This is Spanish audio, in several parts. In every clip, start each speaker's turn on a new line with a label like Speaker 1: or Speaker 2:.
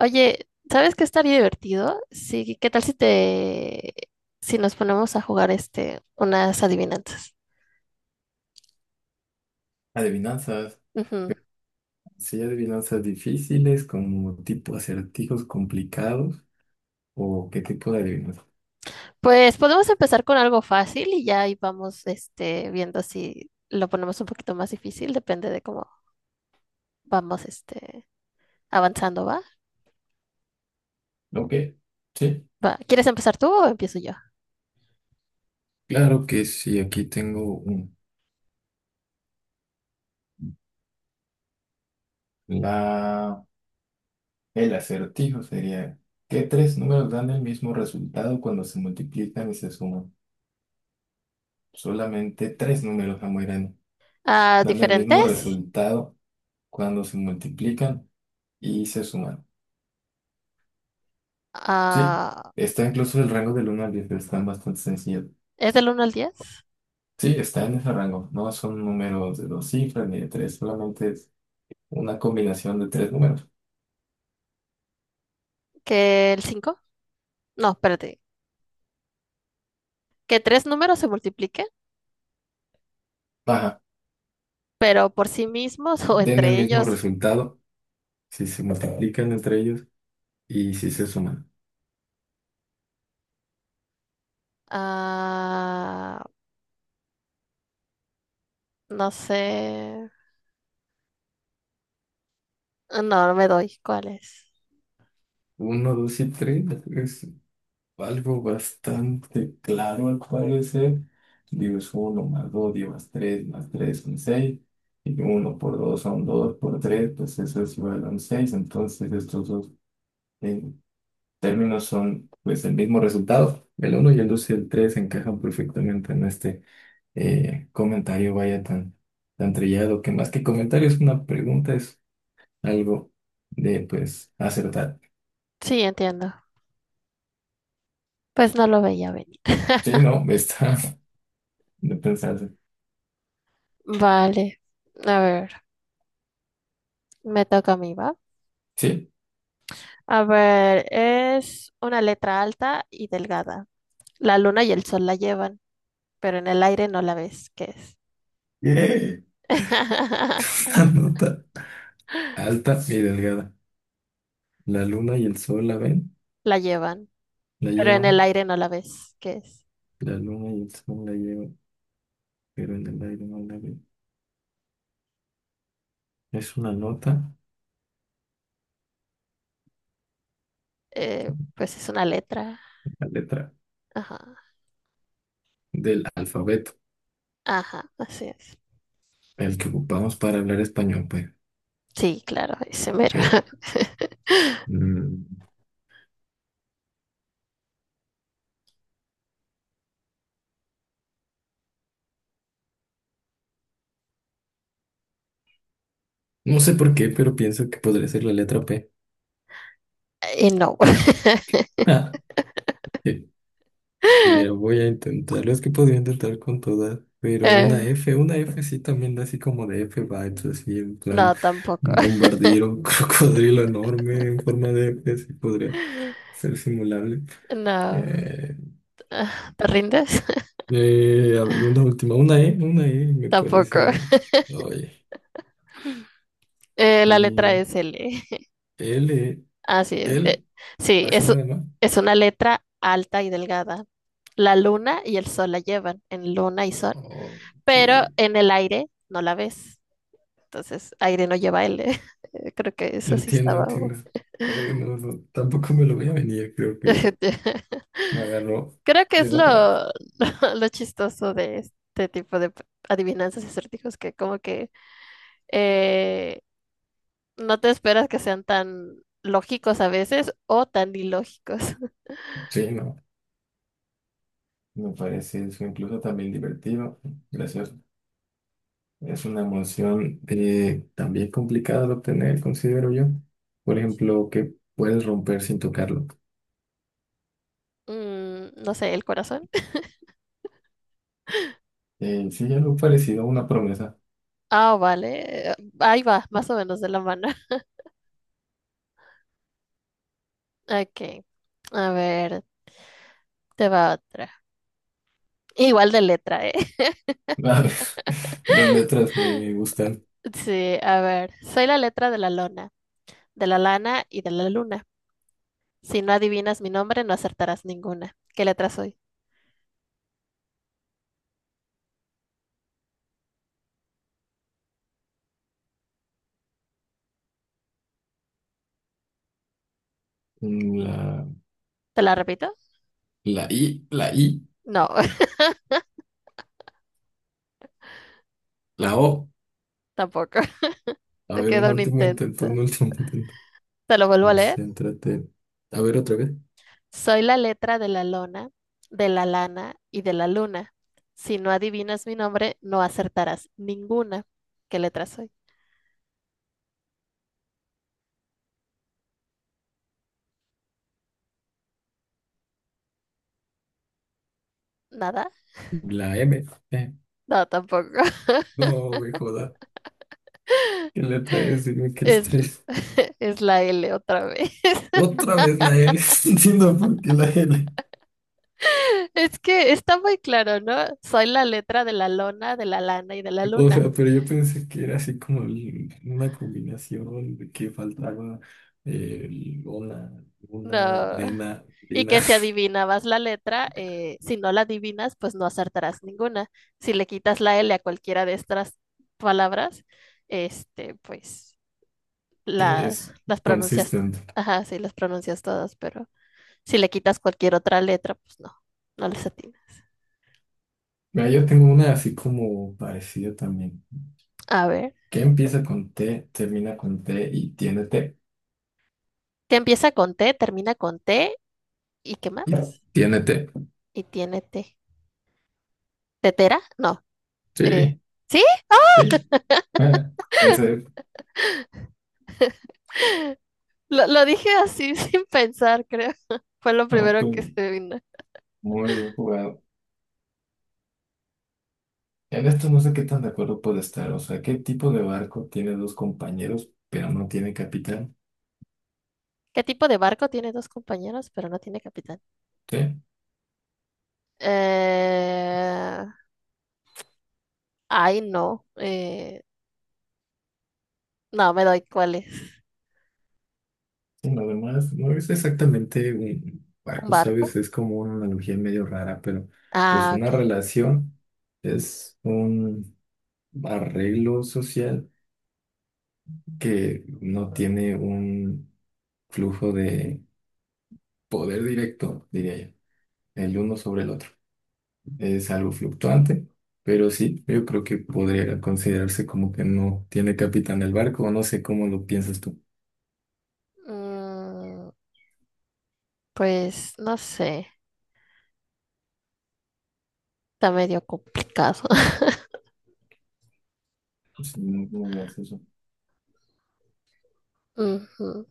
Speaker 1: Oye, ¿sabes qué estaría divertido? Sí, ¿qué tal si nos ponemos a jugar unas adivinanzas?
Speaker 2: Adivinanzas.
Speaker 1: Ujú.
Speaker 2: ¿Sí? Adivinanzas difíciles, como tipo acertijos complicados, o qué tipo de adivinanzas.
Speaker 1: Pues podemos empezar con algo fácil y ya ahí vamos, viendo si lo ponemos un poquito más difícil, depende de cómo vamos, avanzando, ¿va?
Speaker 2: Ok, sí,
Speaker 1: Va, ¿quieres empezar tú o empiezo yo?
Speaker 2: claro que sí, aquí tengo uno. La, el acertijo sería, ¿qué tres números dan el mismo resultado cuando se multiplican y se suman? Solamente tres números, Amoirán,
Speaker 1: Ah,
Speaker 2: dan el mismo
Speaker 1: ¿diferentes?
Speaker 2: resultado cuando se multiplican y se suman. Sí,
Speaker 1: Ah,
Speaker 2: está incluso el rango del uno al 10, pero están bastante sencillos.
Speaker 1: ¿es del uno al diez?
Speaker 2: Sí, está en ese rango. No son números de dos cifras ni de tres, solamente es una combinación de tres números.
Speaker 1: ¿Que el cinco, No, espérate. Que tres números se multipliquen,
Speaker 2: Ajá,
Speaker 1: pero por sí mismos o
Speaker 2: den el
Speaker 1: entre
Speaker 2: mismo
Speaker 1: ellos.
Speaker 2: resultado si se multiplican entre ellos y si se suman.
Speaker 1: Ah, no sé. No, no me doy. ¿Cuál es?
Speaker 2: Uno, dos y tres es algo bastante claro al parecer. Digo, es uno más dos, digo, más tres son seis. Y uno por dos son dos, por tres, pues eso es igual a un seis. Entonces estos dos términos son pues el mismo resultado. El uno y el 2 y el 3 encajan perfectamente en este comentario, vaya tan, tan trillado, que más que comentario es una pregunta, es algo de pues acertar.
Speaker 1: Sí, entiendo. Pues no lo veía venir.
Speaker 2: Sí, no, está de pensarse.
Speaker 1: Vale. A ver, me toca a mí, ¿va?
Speaker 2: Sí.
Speaker 1: A ver, es una letra alta y delgada. La luna y el sol la llevan, pero en el aire no la ves. ¿Qué es?
Speaker 2: Eh, Una nota alta y delgada. La luna y el sol
Speaker 1: La llevan,
Speaker 2: la
Speaker 1: pero en el
Speaker 2: llevan.
Speaker 1: aire no la ves. ¿Qué es?
Speaker 2: La luna y el sol la llevan, pero en el aire no la ven. Es una nota,
Speaker 1: Pues es una letra.
Speaker 2: la letra
Speaker 1: Ajá,
Speaker 2: del alfabeto.
Speaker 1: ajá, así es.
Speaker 2: El que ocupamos para hablar español, pues.
Speaker 1: Sí, claro, ese mero.
Speaker 2: Que, mm, no sé por qué, pero pienso que podría ser la letra P.
Speaker 1: Y no.
Speaker 2: Ah, eh, mira, voy a intentarlo. Es que podría intentar con todas, pero una
Speaker 1: Eh,
Speaker 2: F, una F sí también da así como de F vibes, así en plan
Speaker 1: no, tampoco.
Speaker 2: bombardero, crocodrilo enorme en forma de F, sí podría ser simulable.
Speaker 1: No.
Speaker 2: Eh,
Speaker 1: Ah, ¿te rindes?
Speaker 2: a ver, una última, una E me
Speaker 1: Tampoco.
Speaker 2: parece. Oye,
Speaker 1: La letra
Speaker 2: y
Speaker 1: es L.
Speaker 2: L,
Speaker 1: Así es.
Speaker 2: L,
Speaker 1: Sí,
Speaker 2: así
Speaker 1: es,
Speaker 2: nada más.
Speaker 1: es una letra alta y delgada. La luna y el sol la llevan en luna y sol,
Speaker 2: Oh,
Speaker 1: pero
Speaker 2: y-
Speaker 1: en el aire no la ves. Entonces, aire no lleva L. Creo que eso sí
Speaker 2: entiendo,
Speaker 1: estaba.
Speaker 2: entiendo. No, no, tampoco me lo voy a venir, creo que me agarró
Speaker 1: Creo que
Speaker 2: de
Speaker 1: es
Speaker 2: bajada.
Speaker 1: lo chistoso de este tipo de adivinanzas y acertijos que como que eh, no te esperas que sean tan lógicos a veces o tan ilógicos.
Speaker 2: Sí, no, me parece eso incluso también divertido. Gracias. Es una emoción también complicada de obtener, considero yo. Por ejemplo, que puedes romper sin tocarlo.
Speaker 1: Mm, no sé, el corazón.
Speaker 2: Sí, algo parecido a una promesa.
Speaker 1: Ah, vale. Ahí va, más o menos de la mano. Ok. A ver, te va otra. Igual de letra, ¿eh?
Speaker 2: A ver, las letras me gustan.
Speaker 1: Sí, a ver. Soy la letra de la lona, de la lana y de la luna. Si no adivinas mi nombre, no acertarás ninguna. ¿Qué letra soy?
Speaker 2: Mm,
Speaker 1: ¿Te la repito?
Speaker 2: la I,
Speaker 1: No,
Speaker 2: la O.
Speaker 1: tampoco.
Speaker 2: A
Speaker 1: Te
Speaker 2: ver, un
Speaker 1: queda un
Speaker 2: último intento,
Speaker 1: intento.
Speaker 2: un último intento.
Speaker 1: ¿Te lo vuelvo a leer?
Speaker 2: Céntrate. A ver otra vez.
Speaker 1: Soy la letra de la lona, de la lana y de la luna. Si no adivinas mi nombre, no acertarás ninguna. ¿Qué letra soy? ¿Nada?
Speaker 2: La M. Eh,
Speaker 1: No, tampoco.
Speaker 2: No, güey, joda. ¿Qué letra es? Dime qué
Speaker 1: Es,
Speaker 2: letra es.
Speaker 1: es la L otra vez.
Speaker 2: Otra vez la L. No entiendo por qué la L.
Speaker 1: Es que está muy claro, ¿no? Soy la letra de la lona, de la lana y de la
Speaker 2: O
Speaker 1: luna.
Speaker 2: sea, pero yo pensé que era así como una combinación de que faltaba eh, una, una,
Speaker 1: No.
Speaker 2: lena,
Speaker 1: Y que
Speaker 2: lina.
Speaker 1: si adivinabas la letra, si no la adivinas, pues no acertarás ninguna. Si le quitas la L a cualquiera de estas palabras, pues
Speaker 2: Sí,
Speaker 1: la,
Speaker 2: es
Speaker 1: las pronuncias,
Speaker 2: consistente.
Speaker 1: ajá, sí, las pronuncias todas, pero si le quitas cualquier otra letra, pues no, no les atinas.
Speaker 2: Mira, yo tengo una así como parecida también.
Speaker 1: A ver,
Speaker 2: Que empieza con T, termina con T y tiene T.
Speaker 1: que empieza con T, termina con T, ¿y qué más?
Speaker 2: Tiene T.
Speaker 1: Y tiene T. ¿Tetera? No. eh,
Speaker 2: Sí.
Speaker 1: ¿sí?
Speaker 2: Sí. Eh, Ese,
Speaker 1: Lo dije así sin pensar, creo. Fue lo
Speaker 2: no,
Speaker 1: primero que
Speaker 2: pues,
Speaker 1: se vino.
Speaker 2: muy bien jugado. En esto no sé qué tan de acuerdo puede estar. O sea, ¿qué tipo de barco tiene dos compañeros, pero no tiene capitán?
Speaker 1: ¿Qué tipo de barco tiene dos compañeros, pero no tiene capitán?
Speaker 2: Sí,
Speaker 1: Eh, ay, no. No, me doy cuál es.
Speaker 2: sí, nada más. No es exactamente un
Speaker 1: ¿Un
Speaker 2: barco,
Speaker 1: barco?
Speaker 2: ¿sabes? Es como una analogía medio rara, pero pues
Speaker 1: Ah,
Speaker 2: una
Speaker 1: ok.
Speaker 2: relación es un arreglo social que no tiene un flujo de poder directo, diría yo, el uno sobre el otro. Es algo fluctuante, pero sí, yo creo que podría considerarse como que no tiene capitán el barco, o no sé cómo lo piensas tú.
Speaker 1: Mm, pues no sé, está medio complicado.
Speaker 2: Es muy, muy gracioso.
Speaker 1: Ujú.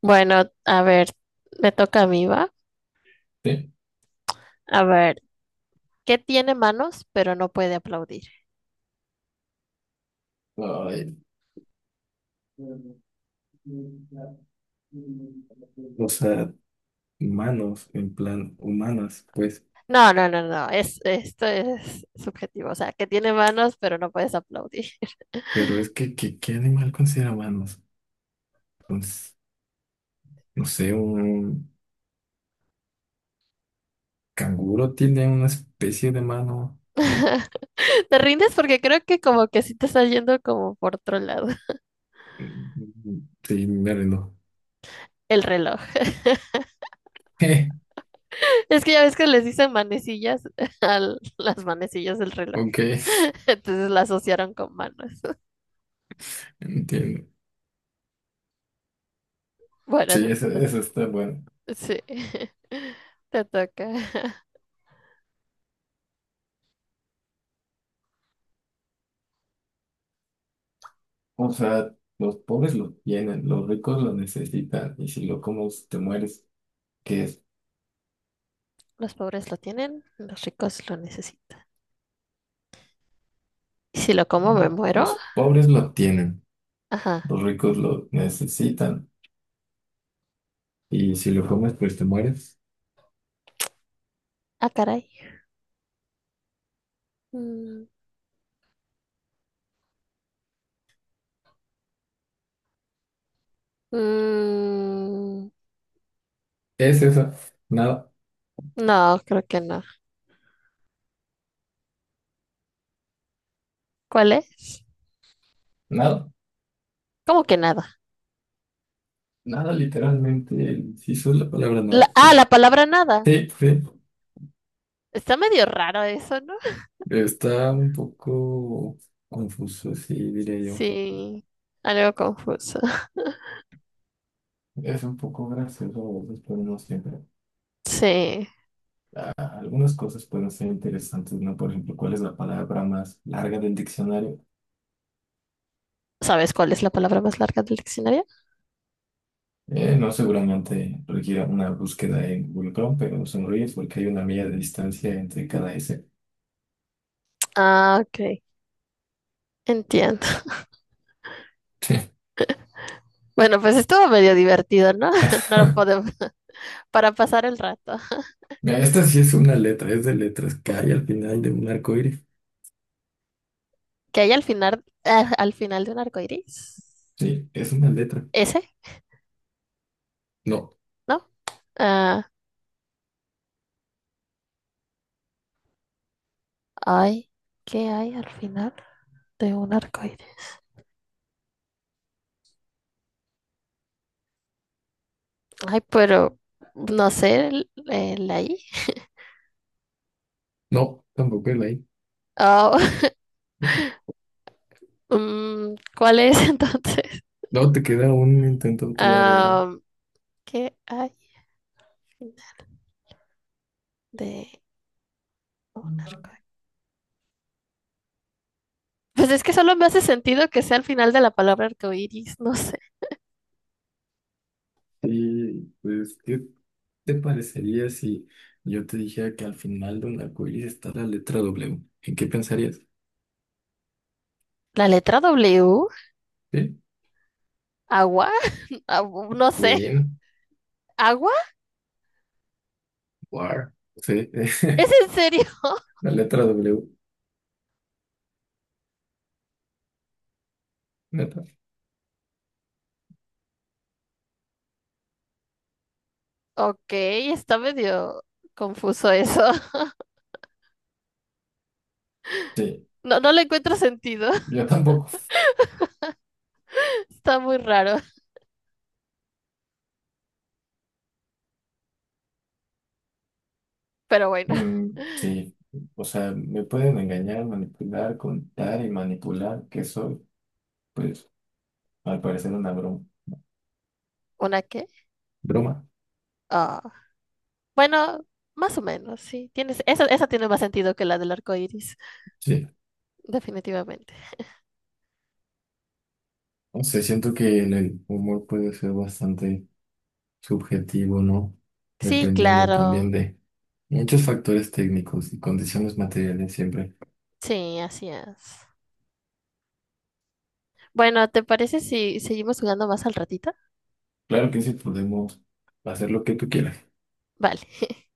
Speaker 1: Bueno, a ver, me toca a mí, ¿va?
Speaker 2: Sí.
Speaker 1: A ver, ¿qué tiene manos pero no puede aplaudir?
Speaker 2: Ay, o sea, humanos, en plan, humanas, pues,
Speaker 1: No, no, no, no, es, esto es subjetivo, o sea, que tiene manos pero no puedes aplaudir.
Speaker 2: pero es que, ¿qué animal considera manos? Pues, no sé, un canguro tiene una especie de mano.
Speaker 1: Te rindes porque creo que como que sí te está yendo como por otro lado,
Speaker 2: Mm, sí, me rindo.
Speaker 1: el reloj. Es que ya ves que les dicen manecillas a las manecillas del reloj,
Speaker 2: Ok,
Speaker 1: entonces la asociaron con manos.
Speaker 2: entiendo.
Speaker 1: Bueno,
Speaker 2: Sí, eso está bueno.
Speaker 1: sí, te toca.
Speaker 2: O sea, los pobres lo tienen, los ricos lo necesitan, y si lo comes te mueres. ¿Qué es?
Speaker 1: Los pobres lo tienen, los ricos lo necesitan. ¿Y si lo como me
Speaker 2: No,
Speaker 1: muero?
Speaker 2: los pobres lo tienen,
Speaker 1: Ajá.
Speaker 2: los ricos lo necesitan, y si lo comes pues te mueres.
Speaker 1: Ah, caray. Mm, mm,
Speaker 2: Es eso, nada,
Speaker 1: no, creo que no. ¿Cuál es?
Speaker 2: nada,
Speaker 1: ¿Cómo que nada?
Speaker 2: nada literalmente, si eso es la palabra nada.
Speaker 1: Ah,
Speaker 2: Nada.
Speaker 1: la palabra nada.
Speaker 2: Sí, sí,
Speaker 1: Está medio raro eso, ¿no?
Speaker 2: está un poco confuso, sí, diría yo.
Speaker 1: Sí, algo confuso.
Speaker 2: Es un poco gracioso, a veces, pero no siempre.
Speaker 1: Sí.
Speaker 2: Ah, algunas cosas pueden ser interesantes, ¿no? Por ejemplo, ¿cuál es la palabra más larga del diccionario?
Speaker 1: ¿Sabes cuál es la palabra más larga del diccionario?
Speaker 2: No, seguramente requiera una búsqueda en Google Chrome, pero sonríes porque hay una milla de distancia entre cada S.
Speaker 1: Ah, ok. Entiendo. Bueno, pues estuvo medio divertido, ¿no? No lo podemos. Para pasar el rato.
Speaker 2: Mira, esta sí es una letra, es de letras que hay al final de un arco iris.
Speaker 1: Que hay al al final de un arco iris.
Speaker 2: Sí, es una letra.
Speaker 1: ¿Ese?
Speaker 2: No,
Speaker 1: ¿No? Ah, ay, ¿qué hay al final de un arco iris? Ay, pero no sé, el ahí.
Speaker 2: no, tampoco es la I.
Speaker 1: Ah, ¿cuál es entonces?
Speaker 2: No, te queda un intento todavía, ¿no?
Speaker 1: Ah, ¿qué hay al final de un arco iris? Pues es que solo me hace sentido que sea al final de la palabra arcoíris, no sé.
Speaker 2: Y pues, ¿qué? ¿Te parecería si yo te dijera que al final de un arcoíris está la letra W? ¿En qué pensarías?
Speaker 1: ¿La letra W?
Speaker 2: ¿Sí?
Speaker 1: ¿Agua? Ah, no sé.
Speaker 2: Win,
Speaker 1: ¿Agua?
Speaker 2: war, sí,
Speaker 1: ¿Es en serio?
Speaker 2: la letra W, neta.
Speaker 1: Ok, está medio confuso eso.
Speaker 2: Sí,
Speaker 1: No, no le encuentro sentido.
Speaker 2: yo tampoco.
Speaker 1: Está muy raro. Pero bueno,
Speaker 2: Mm, sí, o sea, me pueden engañar, manipular, contar y manipular, que soy, pues, al parecer una broma.
Speaker 1: ¿una qué?
Speaker 2: ¿Broma?
Speaker 1: Ah, bueno, más o menos, sí. Tienes, esa tiene más sentido que la del arco iris,
Speaker 2: Sí.
Speaker 1: definitivamente.
Speaker 2: O sea, siento que en el humor puede ser bastante subjetivo, ¿no?
Speaker 1: Sí,
Speaker 2: Dependiendo
Speaker 1: claro.
Speaker 2: también de muchos factores técnicos y condiciones materiales siempre.
Speaker 1: Sí, así es. Bueno, ¿te parece si seguimos jugando más al ratito?
Speaker 2: Claro que sí, podemos hacer lo que tú quieras.
Speaker 1: Vale.